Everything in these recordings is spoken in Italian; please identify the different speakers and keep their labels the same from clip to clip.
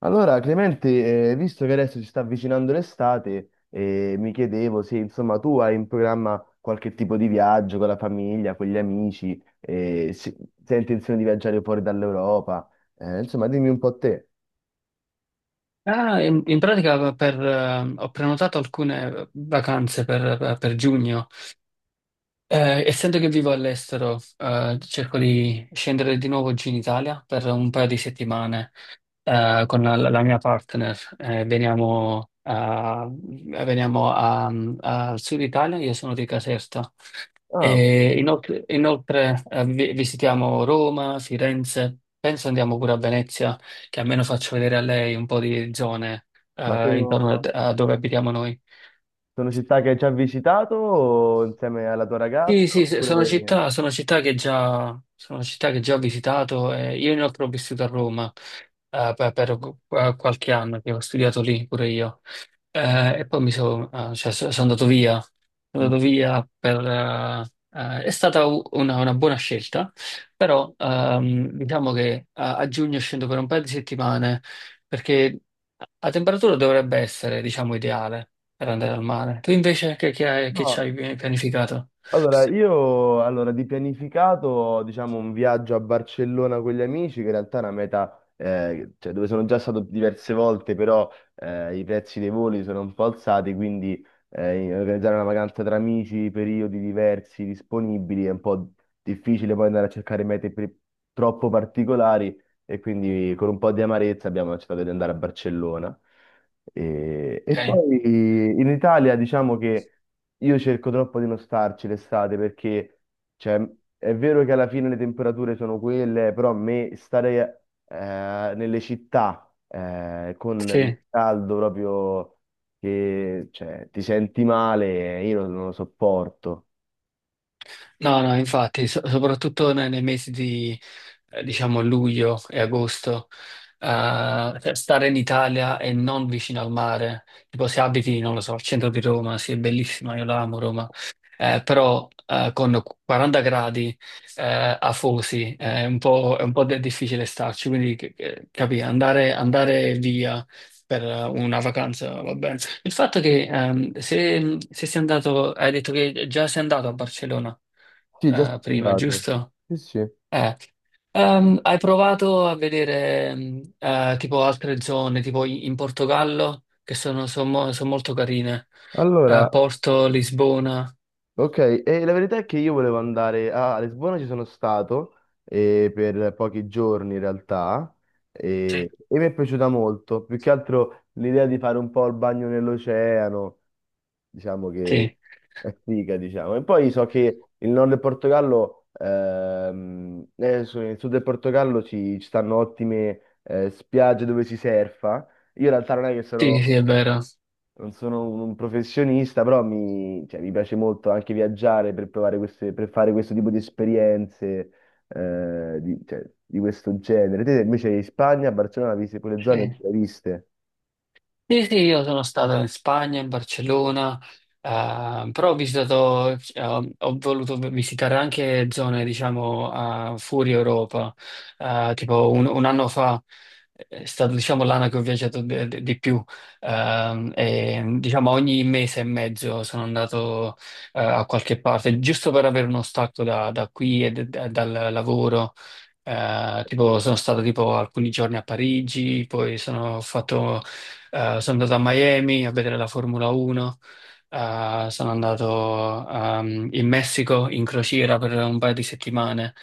Speaker 1: Allora, Clemente, visto che adesso si sta avvicinando l'estate, mi chiedevo se insomma tu hai in programma qualche tipo di viaggio con la famiglia, con gli amici, se hai intenzione di viaggiare fuori dall'Europa. Insomma dimmi un po' te.
Speaker 2: Ah, in pratica ho prenotato alcune vacanze per giugno. Essendo che vivo all'estero, cerco di scendere di nuovo giù in Italia per un paio di settimane, con la mia partner. Veniamo al sud Italia. Io sono di Caserta.
Speaker 1: Ah, ok.
Speaker 2: E inoltre, visitiamo Roma, Firenze, penso andiamo pure a Venezia, che almeno faccio vedere a lei un po' di zone
Speaker 1: Ma
Speaker 2: intorno a,
Speaker 1: sono,
Speaker 2: a dove abitiamo noi.
Speaker 1: Sono città che hai già visitato o insieme alla tua ragazza?
Speaker 2: Sì, sì, sì,
Speaker 1: Oppure...
Speaker 2: sono città che già, sono città che già ho visitato. Io inoltre ho vissuto a Roma per qualche anno, che ho studiato lì pure io. E poi cioè, sono andato via, sono
Speaker 1: Mm.
Speaker 2: andato via per, eh, eh, È stata una buona scelta, però diciamo che a giugno scendo per un paio di settimane, perché la temperatura dovrebbe essere, diciamo, ideale per andare al mare. Tu invece che, che hai, che ci
Speaker 1: No.
Speaker 2: hai pianificato?
Speaker 1: Allora, di pianificato, diciamo, un viaggio a Barcellona con gli amici, che in realtà è una meta cioè, dove sono già stato diverse volte, però i prezzi dei voli sono un po' alzati, quindi organizzare una vacanza tra amici, periodi diversi, disponibili, è un po' difficile poi andare a cercare troppo particolari e quindi con un po' di amarezza abbiamo accettato di andare a Barcellona. E
Speaker 2: Ok,
Speaker 1: poi in Italia diciamo che... Io cerco troppo di non starci l'estate perché, cioè, è vero che alla fine le temperature sono quelle, però a me stare nelle città con il
Speaker 2: sì.
Speaker 1: caldo proprio che cioè, ti senti male, io non, non lo sopporto.
Speaker 2: No, no, infatti, soprattutto nei mesi di, diciamo, luglio e agosto, cioè, stare in Italia e non vicino al mare, tipo se abiti, non lo so, al centro di Roma. Sì, è bellissima, io la amo Roma, però con 40 gradi afosi, è un po' difficile starci. Quindi capì, andare via per una vacanza, va bene. Il fatto che se sei andato, hai detto che già sei andato a Barcellona
Speaker 1: Sì, già sono
Speaker 2: prima,
Speaker 1: andato.
Speaker 2: giusto?
Speaker 1: Sì, sì.
Speaker 2: Eh. Hai provato a vedere tipo altre zone, tipo in Portogallo, che sono molto carine.
Speaker 1: Allora,
Speaker 2: Porto, Lisbona.
Speaker 1: ok, e la verità è che io volevo andare a Lisbona, ci sono stato per pochi giorni in realtà
Speaker 2: Sì.
Speaker 1: e mi è piaciuta molto, più che altro l'idea di fare un po' il bagno nell'oceano, diciamo che
Speaker 2: Sì,
Speaker 1: è figa, diciamo. E poi so che il nord del Portogallo, scusa, nel sud del Portogallo ci stanno ottime spiagge dove si surfa. Io in realtà non è che Mm.
Speaker 2: sì,
Speaker 1: sono
Speaker 2: sì, è vero.
Speaker 1: non sono un professionista, però mi piace molto anche viaggiare per per fare questo tipo di esperienze cioè, di questo genere. Te invece in Spagna, a Barcellona, viste quelle zone
Speaker 2: Sì.
Speaker 1: le hai viste?
Speaker 2: Sì, sì, io sono stato in Spagna, in Barcellona, però ho voluto visitare anche zone, diciamo, fuori Europa. Tipo un anno fa è stato, diciamo, l'anno che ho viaggiato di più. E, diciamo, ogni mese e mezzo sono andato a qualche parte, giusto per avere uno stacco da, qui e dal lavoro. Tipo, sono stato tipo alcuni giorni a Parigi. Poi sono andato a Miami a vedere la Formula 1, sono andato in Messico in crociera per un paio di settimane.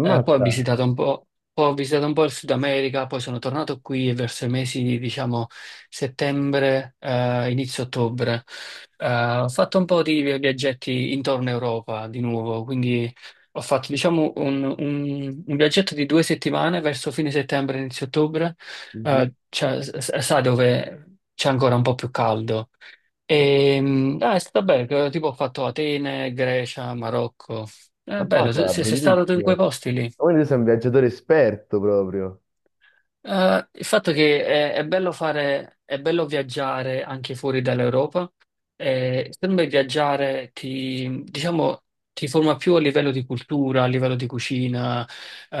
Speaker 2: Eh, poi ho visitato un po', poi ho visitato un po' il Sud America. Poi sono tornato qui e verso i mesi di, diciamo, settembre, inizio ottobre. Eh, Ho fatto un po' di viaggetti intorno a Europa di nuovo. Quindi ho fatto, diciamo, un viaggetto di 2 settimane verso fine settembre, inizio ottobre,
Speaker 1: Mhm.
Speaker 2: cioè, sa dove c'è ancora un po' più caldo. E, ah, è stato bello: che tipo ho fatto Atene, Grecia, Marocco. È bello,
Speaker 1: Ammazza,
Speaker 2: sei stato tu in
Speaker 1: bellissimo!
Speaker 2: quei posti lì?
Speaker 1: Ma quindi tu sei un viaggiatore esperto proprio.
Speaker 2: Il fatto che è bello fare, è bello viaggiare anche fuori dall'Europa. Sempre viaggiare diciamo, ti forma più a livello di cultura, a livello di cucina,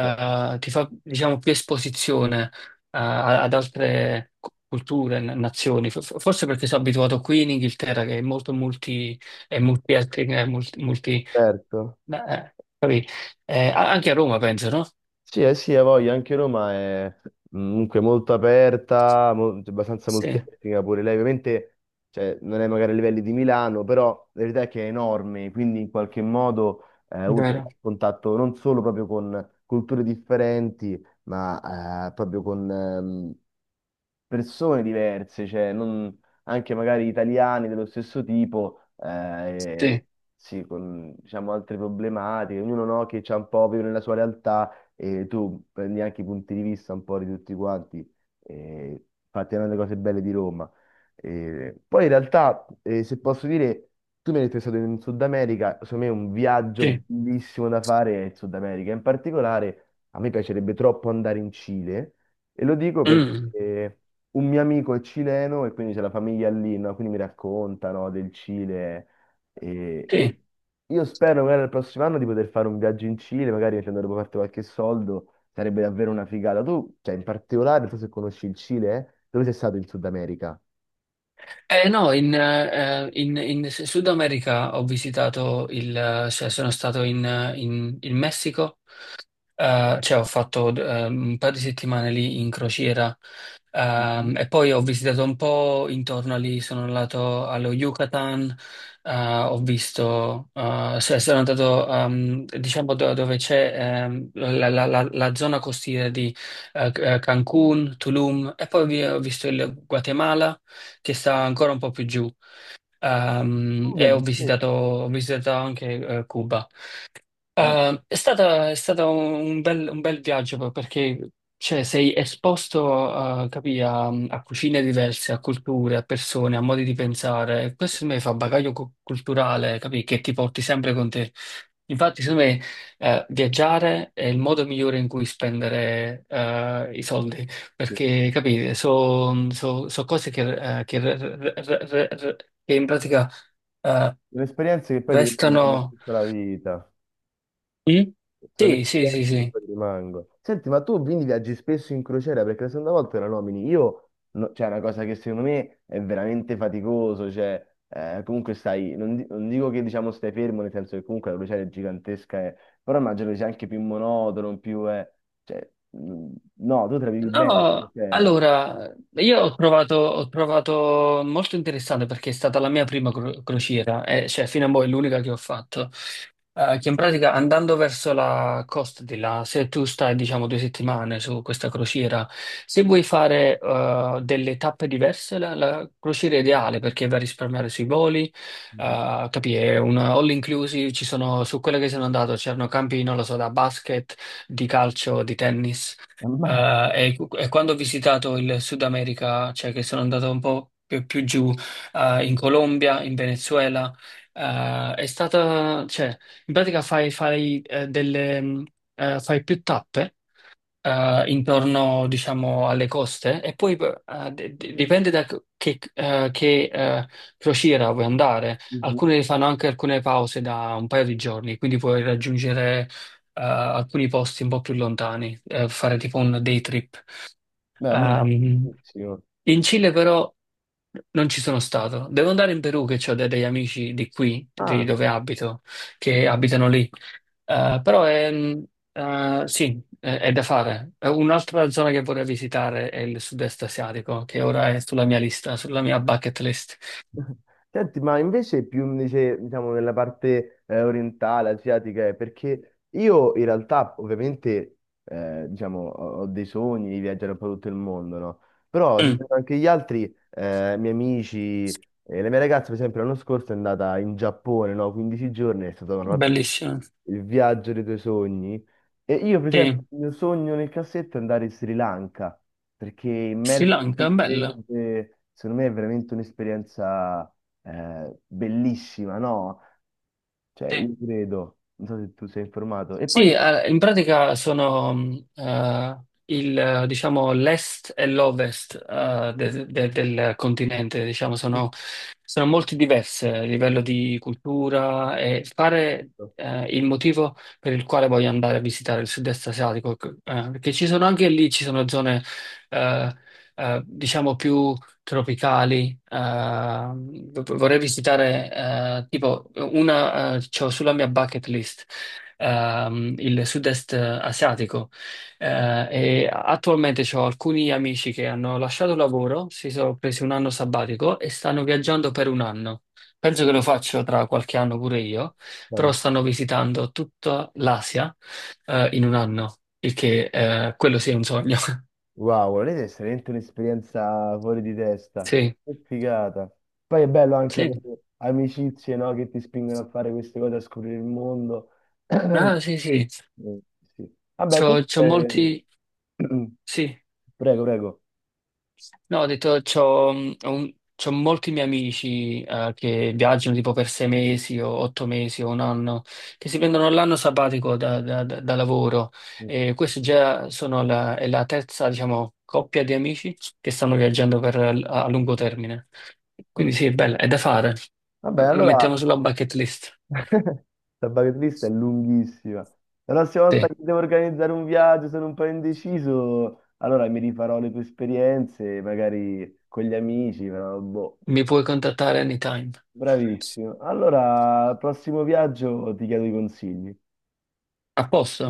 Speaker 1: Cioè,
Speaker 2: ti fa, diciamo, più esposizione, ad altre culture, nazioni. Forse perché sono abituato qui in Inghilterra, che è molto multi, è multietnica, è multi-.
Speaker 1: esperto?
Speaker 2: Capì? Anche a Roma penso, no?
Speaker 1: Sì, eh sì, ha voglia, anche Roma è mm, comunque molto aperta, cioè, abbastanza
Speaker 2: Sì,
Speaker 1: multietnica pure lei, ovviamente cioè, non è magari a livelli di Milano, però la verità è che è enorme, quindi in qualche modo ha avuto
Speaker 2: vero.
Speaker 1: contatto non solo proprio con culture differenti, ma proprio con, persone diverse, anche magari italiani dello stesso tipo,
Speaker 2: Sì.
Speaker 1: sì, con diciamo, altre problematiche, ognuno no, che c'ha un po' vive nella sua realtà e tu prendi anche i punti di vista un po' di tutti quanti, infatti è una delle cose belle di Roma. Poi in realtà, se posso dire, tu mi hai detto che sei stato in Sud America, secondo me un viaggio
Speaker 2: Sì.
Speaker 1: bellissimo da fare è il Sud America, in particolare a me piacerebbe troppo andare in Cile. E lo dico
Speaker 2: Mm,
Speaker 1: perché un mio amico è cileno e quindi c'è la famiglia lì, no? Quindi mi raccontano del Cile e,
Speaker 2: sì.
Speaker 1: e io spero magari il prossimo anno di poter fare un viaggio in Cile, magari facendo dopo parte qualche soldo, sarebbe davvero una figata. Tu, cioè, in particolare, non so se conosci il Cile, eh? Dove sei stato in Sud America?
Speaker 2: No, in Sud America ho visitato cioè, sono stato in Messico. Cioè, ho fatto un paio di settimane lì in crociera,
Speaker 1: Mhm.
Speaker 2: e poi ho visitato un po' intorno lì, sono andato allo Yucatan. Sono andato diciamo dove c'è la zona costiera di Cancun, Tulum. E poi ho visto il Guatemala, che sta ancora un po' più giù,
Speaker 1: Un
Speaker 2: e
Speaker 1: viaggio
Speaker 2: ho
Speaker 1: in sé.
Speaker 2: visitato, ho visitato anche Cuba.
Speaker 1: Ma
Speaker 2: È stato un bel viaggio, perché cioè, sei esposto, capì, a cucine diverse, a culture, a persone, a modi di pensare. Questo secondo me fa bagaglio culturale, capì, che ti porti sempre con te. Infatti, secondo me, viaggiare è il modo migliore in cui spendere i soldi,
Speaker 1: sì,
Speaker 2: perché capite, sono cose che re- re- re- re- re- che in pratica eh,
Speaker 1: sono esperienze che poi ti rimangono per
Speaker 2: restano.
Speaker 1: tutta la vita.
Speaker 2: Mm?
Speaker 1: Sono
Speaker 2: Sì, sì, sì,
Speaker 1: esperienze che
Speaker 2: sì.
Speaker 1: poi rimango. Senti, ma tu quindi viaggi spesso in crociera? Perché la seconda volta la nomini. Io, no- cioè, è una cosa che secondo me è veramente faticoso. Cioè, comunque stai, non dico che diciamo stai fermo, nel senso che comunque la crociera è gigantesca, però immagino che sia anche più monotono, cioè, mh, no, tu te la vivi bene la
Speaker 2: No,
Speaker 1: crociera.
Speaker 2: allora, io ho provato molto interessante, perché è stata la mia prima crociera, cioè fino a mo' è l'unica che ho fatto. Che in pratica, andando verso la costa di là, se tu stai diciamo 2 settimane su questa crociera, se vuoi fare delle tappe diverse, la crociera è ideale perché va a risparmiare sui voli,
Speaker 1: Mhm.
Speaker 2: capì? È un all inclusive, ci sono, su quella che sono andato c'erano campi, non lo so, da basket, di calcio, di tennis. Eh,
Speaker 1: Ma,
Speaker 2: e, e quando ho visitato il Sud America, cioè che sono andato un po' più giù, in Colombia, in Venezuela, cioè, in pratica fai delle, fai più tappe intorno, diciamo, alle coste, e poi dipende da che crociera vuoi andare.
Speaker 1: Mhm.
Speaker 2: Alcune fanno anche alcune pause da un paio di giorni, quindi puoi raggiungere alcuni posti un po' più lontani, fare tipo un day trip.
Speaker 1: beh, ma,
Speaker 2: Ehm, In Cile però non ci sono stato. Devo andare in Perù, che ho degli amici di qui, di
Speaker 1: Ah,
Speaker 2: dove abito, che abitano lì. Eh, però è, mh, sì, è da fare. Un'altra zona che vorrei visitare è il sud-est asiatico, che ora è sulla mia lista, sulla mia bucket list.
Speaker 1: Senti, diciamo, nella parte orientale, asiatica, perché io in realtà ovviamente ho dei sogni di viaggiare un po' tutto il mondo, no? Però se
Speaker 2: Mm,
Speaker 1: penso anche gli altri, miei amici, la mia ragazza per esempio l'anno scorso è andata in Giappone, no? 15 giorni, è stato no, proprio
Speaker 2: bellissimo.
Speaker 1: il viaggio dei tuoi sogni. E io, per esempio,
Speaker 2: Sì.
Speaker 1: il mio sogno nel cassetto è andare in Sri Lanka, perché
Speaker 2: Sri
Speaker 1: immersi
Speaker 2: Lanka,
Speaker 1: nel
Speaker 2: bella.
Speaker 1: verde, secondo me, è veramente un'esperienza bellissima, no? Cioè,
Speaker 2: Sì.
Speaker 1: io credo, non so se tu sei informato. E poi,
Speaker 2: Sì, in pratica sono diciamo, l'est e l'ovest del continente, diciamo, sono molto diverse a livello di cultura. E fare il motivo per il quale voglio andare a visitare il sud-est asiatico, perché ci sono anche lì, ci sono zone, eh, diciamo, più tropicali. Vorrei visitare, tipo, c'ho sulla mia bucket list il sud-est asiatico. E attualmente ho alcuni amici che hanno lasciato il lavoro, si sono presi un anno sabbatico e stanno viaggiando per un anno. Penso che lo faccio tra qualche anno pure io, però
Speaker 1: vabbè.
Speaker 2: stanno visitando tutta l'Asia, in un anno, il che, quello sì è un sogno.
Speaker 1: Wow, volete è veramente un'esperienza fuori di testa,
Speaker 2: Sì,
Speaker 1: che figata. Poi è bello anche
Speaker 2: sì,
Speaker 1: avere amicizie, no, che ti spingono a fare queste cose, a scoprire il mondo.
Speaker 2: ah, sì, sì.
Speaker 1: Mm, sì. Vabbè,
Speaker 2: C'ho molti,
Speaker 1: comunque...
Speaker 2: sì.
Speaker 1: Prego, prego.
Speaker 2: No, ho detto, c'ho molti miei amici che viaggiano tipo per 6 mesi o 8 mesi o un anno, che si prendono l'anno sabbatico da lavoro.
Speaker 1: Ecco.
Speaker 2: E questa già è la terza, diciamo, coppia di amici che stanno viaggiando a lungo termine. Quindi sì, è bella, è da fare.
Speaker 1: Vabbè,
Speaker 2: Lo
Speaker 1: allora...
Speaker 2: mettiamo sulla bucket list.
Speaker 1: La bucket list è lunghissima. La prossima volta
Speaker 2: Sì,
Speaker 1: che devo organizzare un viaggio, sono un po' indeciso, allora mi rifarò le tue esperienze, magari con gli amici, però boh.
Speaker 2: mi puoi contattare anytime.
Speaker 1: Bravissimo. Allora, al prossimo viaggio ti chiedo i consigli.
Speaker 2: A posto?